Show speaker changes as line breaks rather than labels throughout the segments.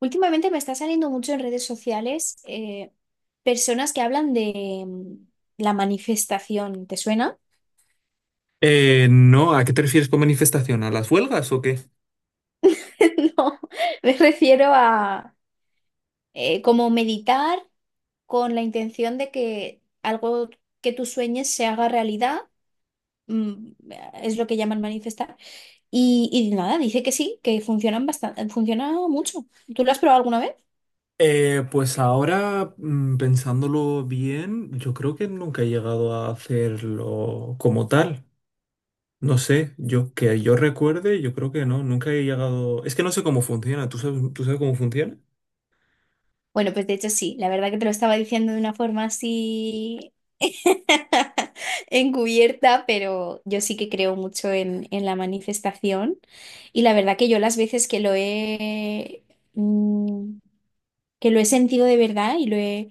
Últimamente me está saliendo mucho en redes sociales personas que hablan de la manifestación. ¿Te suena?
No, ¿a qué te refieres con manifestación? ¿A las huelgas o qué?
No, me refiero a como meditar con la intención de que algo que tú sueñes se haga realidad. mm, Es lo que llaman manifestar. Y nada, dice que sí, que funcionan bastante, funciona mucho. ¿Tú lo has probado alguna vez?
Pues ahora, pensándolo bien, yo creo que nunca he llegado a hacerlo como tal. No sé, yo que yo recuerde, yo creo que no, nunca he llegado. Es que no sé cómo funciona. ¿Tú sabes cómo funciona?
Bueno, pues de hecho sí, la verdad que te lo estaba diciendo de una forma así encubierta, pero yo sí que creo mucho en la manifestación, y la verdad que yo las veces que lo he mm, que lo he sentido de verdad y lo he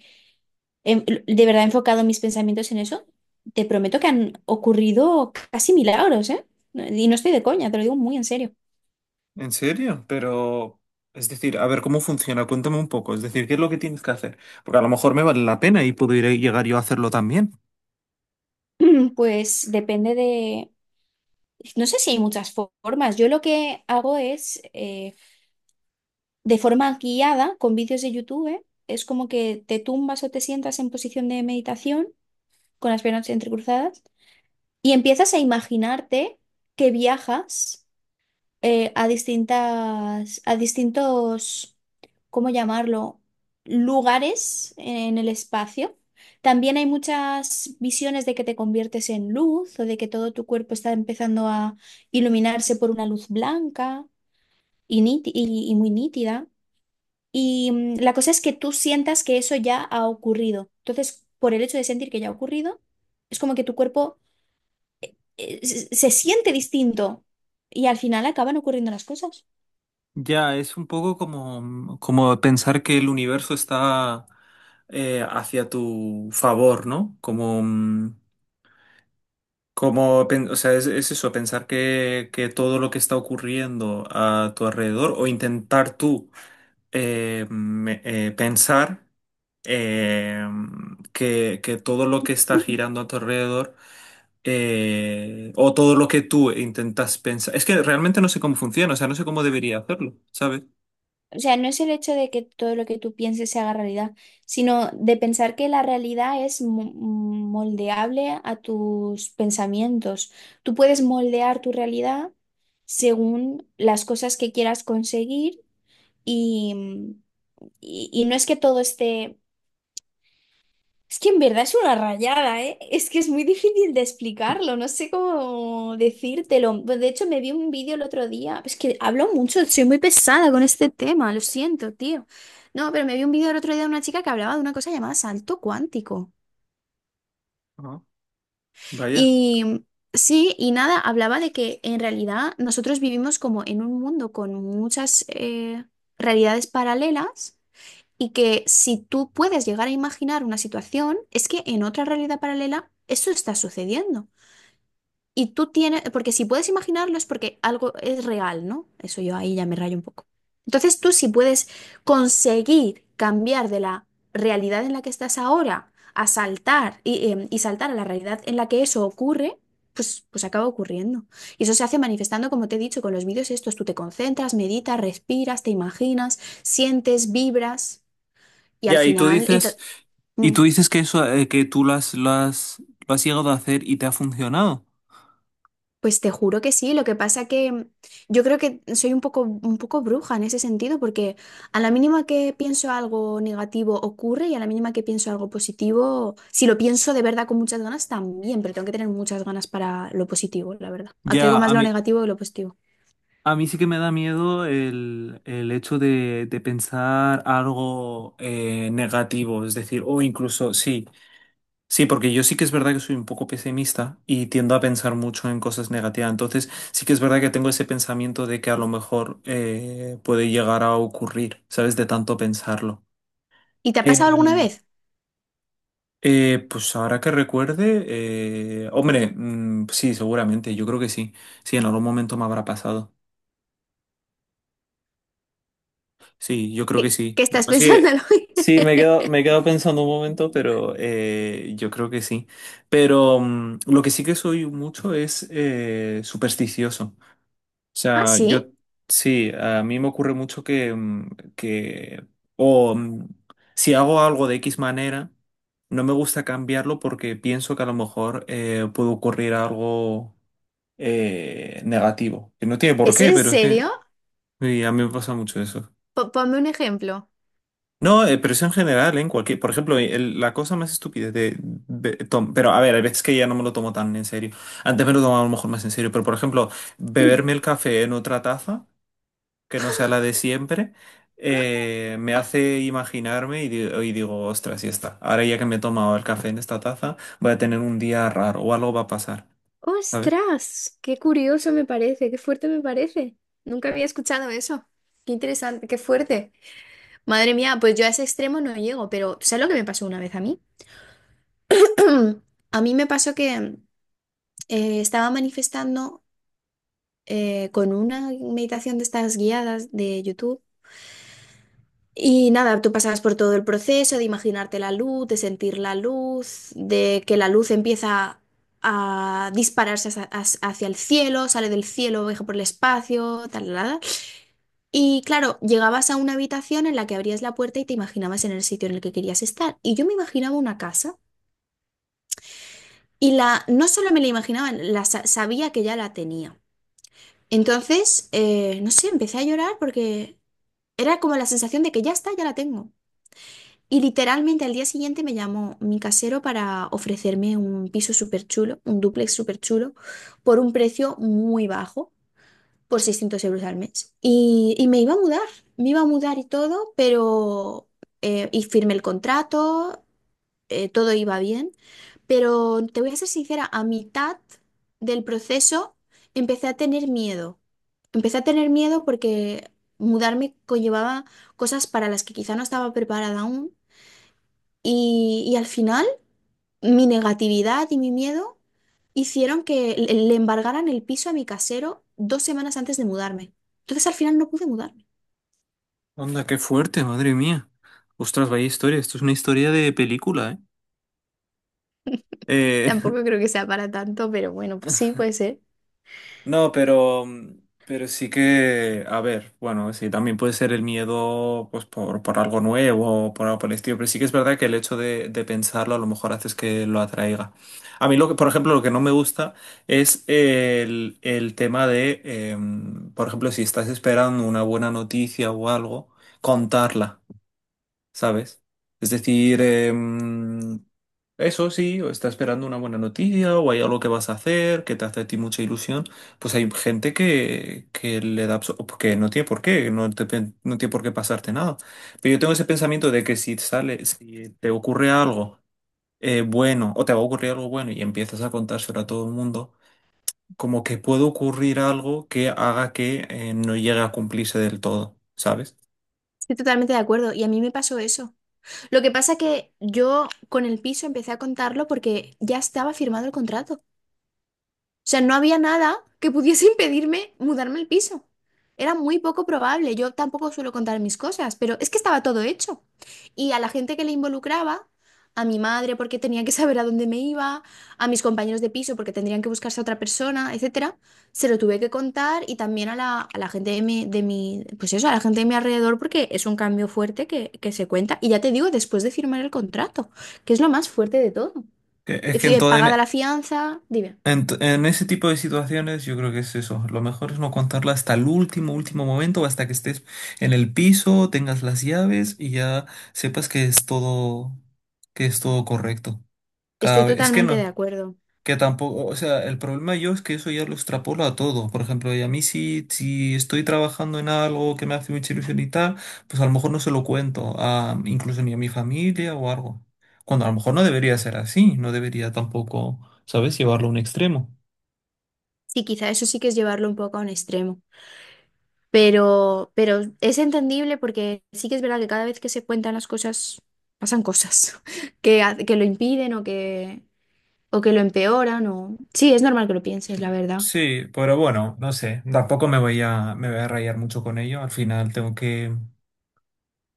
de verdad he enfocado mis pensamientos en eso, te prometo que han ocurrido casi milagros, ¿eh? Y no estoy de coña, te lo digo muy en serio.
¿En serio? Pero, es decir, a ver, ¿cómo funciona? Cuéntame un poco. Es decir, ¿qué es lo que tienes que hacer? Porque a lo mejor me vale la pena y puedo ir a llegar yo a hacerlo también.
Pues depende de... No sé si hay muchas formas. Yo lo que hago es de forma guiada con vídeos de YouTube. Es como que te tumbas o te sientas en posición de meditación con las piernas entrecruzadas y empiezas a imaginarte que viajas a a distintos, ¿cómo llamarlo?, lugares en el espacio. También hay muchas visiones de que te conviertes en luz o de que todo tu cuerpo está empezando a iluminarse por una luz blanca y, y muy nítida. Y la cosa es que tú sientas que eso ya ha ocurrido. Entonces, por el hecho de sentir que ya ha ocurrido, es como que tu cuerpo se siente distinto y al final acaban ocurriendo las cosas.
Ya, es un poco como, como pensar que el universo está hacia tu favor, ¿no? Como, como, o sea, es eso, pensar que todo lo que está ocurriendo a tu alrededor o intentar tú pensar eh, que todo lo que está girando a tu alrededor o todo lo que tú intentas pensar. Es que realmente no sé cómo funciona, o sea, no sé cómo debería hacerlo, ¿sabes?
O sea, no es el hecho de que todo lo que tú pienses se haga realidad, sino de pensar que la realidad es moldeable a tus pensamientos. Tú puedes moldear tu realidad según las cosas que quieras conseguir y, mm, y no es que todo esté. Es que en verdad es una rayada, ¿eh? Es que es muy difícil de explicarlo, no sé cómo decírtelo. Pues, de hecho, me vi un vídeo el otro día. Es que hablo mucho, soy muy pesada con este tema, lo siento, tío. No, pero me vi un vídeo el otro día de una chica que hablaba de una cosa llamada salto cuántico.
Ajá. Vaya.
Y sí, y nada, hablaba de que en realidad nosotros vivimos como en un mundo con muchas realidades paralelas. Y que si tú puedes llegar a imaginar una situación, es que en otra realidad paralela eso está sucediendo. Y tú tienes, porque si puedes imaginarlo es porque algo es real, ¿no? Eso yo ahí ya me rayo un poco. Entonces tú, si puedes conseguir cambiar de la realidad en la que estás ahora a saltar y saltar a la realidad en la que eso ocurre, pues, pues acaba ocurriendo. Y eso se hace manifestando, como te he dicho, con los vídeos estos. Tú te concentras, meditas, respiras, te imaginas, sientes, vibras. Y al
Ya,
final,
y
mm,
tú dices que eso, que tú lo has llegado a hacer y te ha funcionado.
pues te juro que sí, lo que pasa que yo creo que soy un poco bruja en ese sentido, porque a la mínima que pienso algo negativo ocurre, y a la mínima que pienso algo positivo, si lo pienso de verdad con muchas ganas también, pero tengo que tener muchas ganas para lo positivo, la verdad.
Ya,
Atraigo más lo negativo que lo positivo.
a mí sí que me da miedo el hecho de pensar algo negativo, es decir, o incluso, sí, sí, porque yo sí que es verdad que soy un poco pesimista y tiendo a pensar mucho en cosas negativas. Entonces, sí que es verdad que tengo ese pensamiento de que a lo mejor puede llegar a ocurrir, ¿sabes? De tanto pensarlo.
¿Y te ha pasado alguna
Em,
vez?
Pues ahora que recuerde, hombre, sí, seguramente, yo creo que sí. Sí, en algún momento me habrá pasado. Sí, yo creo que
¿Qué,
sí.
qué
No,
estás pensando?
sí, sí, me he quedado pensando un momento, pero yo creo que sí. Pero lo que sí que soy mucho es supersticioso. O
¿Ah,
sea, yo
sí?
sí, a mí me ocurre mucho que o mm, si hago algo de X manera, no me gusta cambiarlo porque pienso que a lo mejor puede ocurrir algo negativo. Que no tiene por
¿Es
qué,
en
pero es que
serio?
y a mí me pasa mucho eso.
Ponme un ejemplo.
No, pero eso en general, ¿eh? En cualquier, por ejemplo, la cosa más estúpida de, pero a ver, hay veces que ya no me lo tomo tan en serio. Antes me lo tomaba a lo mejor más en serio, pero por ejemplo, beberme el café en otra taza que no sea la de siempre, me hace imaginarme y digo, ostras, ya está. Ahora ya que me he tomado el café en esta taza, voy a tener un día raro o algo va a pasar, ¿sabes?
¡Ostras! ¡Qué curioso me parece! ¡Qué fuerte me parece! Nunca había escuchado eso. ¡Qué interesante! ¡Qué fuerte! Madre mía, pues yo a ese extremo no llego, pero ¿sabes lo que me pasó una vez a mí? A mí me pasó que estaba manifestando con una meditación de estas guiadas de YouTube. Y nada, tú pasabas por todo el proceso de imaginarte la luz, de sentir la luz, de que la luz empieza a dispararse hacia, hacia el cielo, sale del cielo, viaja por el espacio, tal, tal, tal. Y claro, llegabas a una habitación en la que abrías la puerta y te imaginabas en el sitio en el que querías estar. Y yo me imaginaba una casa y la, no solo me la imaginaba, la, sabía que ya la tenía. Entonces, no sé, empecé a llorar porque era como la sensación de que ya está, ya la tengo. Y literalmente al día siguiente me llamó mi casero para ofrecerme un piso súper chulo, un dúplex súper chulo, por un precio muy bajo, por 600 € al mes. Y me iba a mudar, me iba a mudar y todo, pero... y firmé el contrato, todo iba bien, pero te voy a ser sincera, a mitad del proceso empecé a tener miedo. Empecé a tener miedo porque mudarme conllevaba cosas para las que quizá no estaba preparada aún y al final, mi negatividad y mi miedo hicieron que le embargaran el piso a mi casero dos semanas antes de mudarme. Entonces, al final no pude mudarme.
Onda, qué fuerte, madre mía. Ostras, vaya historia. Esto es una historia de película, ¿eh? Eh,
Tampoco creo que sea para tanto, pero bueno, pues sí, puede ser.
No, pero sí que, a ver, bueno, sí, también puede ser el miedo pues por algo nuevo o por algo por el estilo, pero sí que es verdad que el hecho de pensarlo a lo mejor haces que lo atraiga. A mí, lo que, por ejemplo, lo que no me gusta es el tema de, por ejemplo, si estás esperando una buena noticia o algo, contarla, ¿sabes? Es decir, eso sí, o está esperando una buena noticia, o hay algo que vas a hacer, que te hace a ti mucha ilusión. Pues hay gente que le da, que no tiene por qué, no no tiene por qué pasarte nada. Pero yo tengo ese pensamiento de que si sale, si te ocurre algo bueno, o te va a ocurrir algo bueno y empiezas a contárselo a todo el mundo, como que puede ocurrir algo que haga que no llegue a cumplirse del todo, ¿sabes?
Estoy totalmente de acuerdo y a mí me pasó eso. Lo que pasa que yo con el piso empecé a contarlo porque ya estaba firmado el contrato. O sea, no había nada que pudiese impedirme mudarme al piso. Era muy poco probable. Yo tampoco suelo contar mis cosas, pero es que estaba todo hecho. Y a la gente que le involucraba, a mi madre porque tenía que saber a dónde me iba, a mis compañeros de piso porque tendrían que buscarse a otra persona, etcétera, se lo tuve que contar, y también a la gente de mi, pues eso, a la gente de mi alrededor, porque es un cambio fuerte que se cuenta. Y ya te digo, después de firmar el contrato, que es lo más fuerte de todo.
Es que
Pagada
entonces,
la fianza, dime.
En ese tipo de situaciones yo creo que es eso. Lo mejor es no contarla hasta el último, último momento, hasta que estés en el piso, tengas las llaves y ya sepas que es todo correcto. Cada
Estoy
vez, es que
totalmente de
no,
acuerdo.
que tampoco, o sea, el problema yo es que eso ya lo extrapolo a todo. Por ejemplo, y a mí si estoy trabajando en algo que me hace mucha ilusión y tal, pues a lo mejor no se lo cuento, a, incluso ni a mi familia o algo. Cuando a lo mejor no debería ser así, no debería tampoco, ¿sabes?, llevarlo a un extremo.
Sí, quizá eso sí que es llevarlo un poco a un extremo, pero es entendible porque sí que es verdad que cada vez que se cuentan las cosas, pasan cosas que, que lo impiden o que lo empeoran. O... sí, es normal que lo pienses,
Sí,
la verdad.
sí, pero bueno, no sé, tampoco me voy a rayar mucho con ello. Al final tengo que,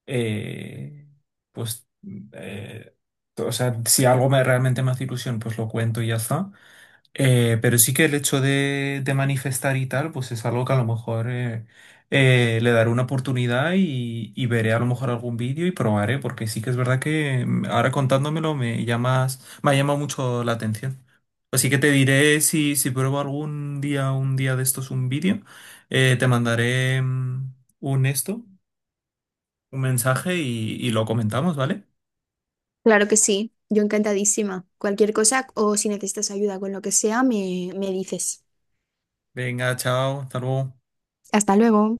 eh, pues, eh, o sea, si algo me, realmente me hace ilusión, pues lo cuento y ya está. Pero sí que el hecho de manifestar y tal, pues es algo que a lo mejor le daré una oportunidad y veré a lo mejor algún vídeo y probaré, porque sí que es verdad que ahora contándomelo me llamas, me ha llamado mucho la atención. Así que te diré si, si pruebo algún día, un día de estos un vídeo, te mandaré un esto, un mensaje y lo comentamos, ¿vale?
Claro que sí, yo encantadísima. Cualquier cosa o si necesitas ayuda con lo que sea, me dices.
Venga, chao, hasta luego.
Hasta luego.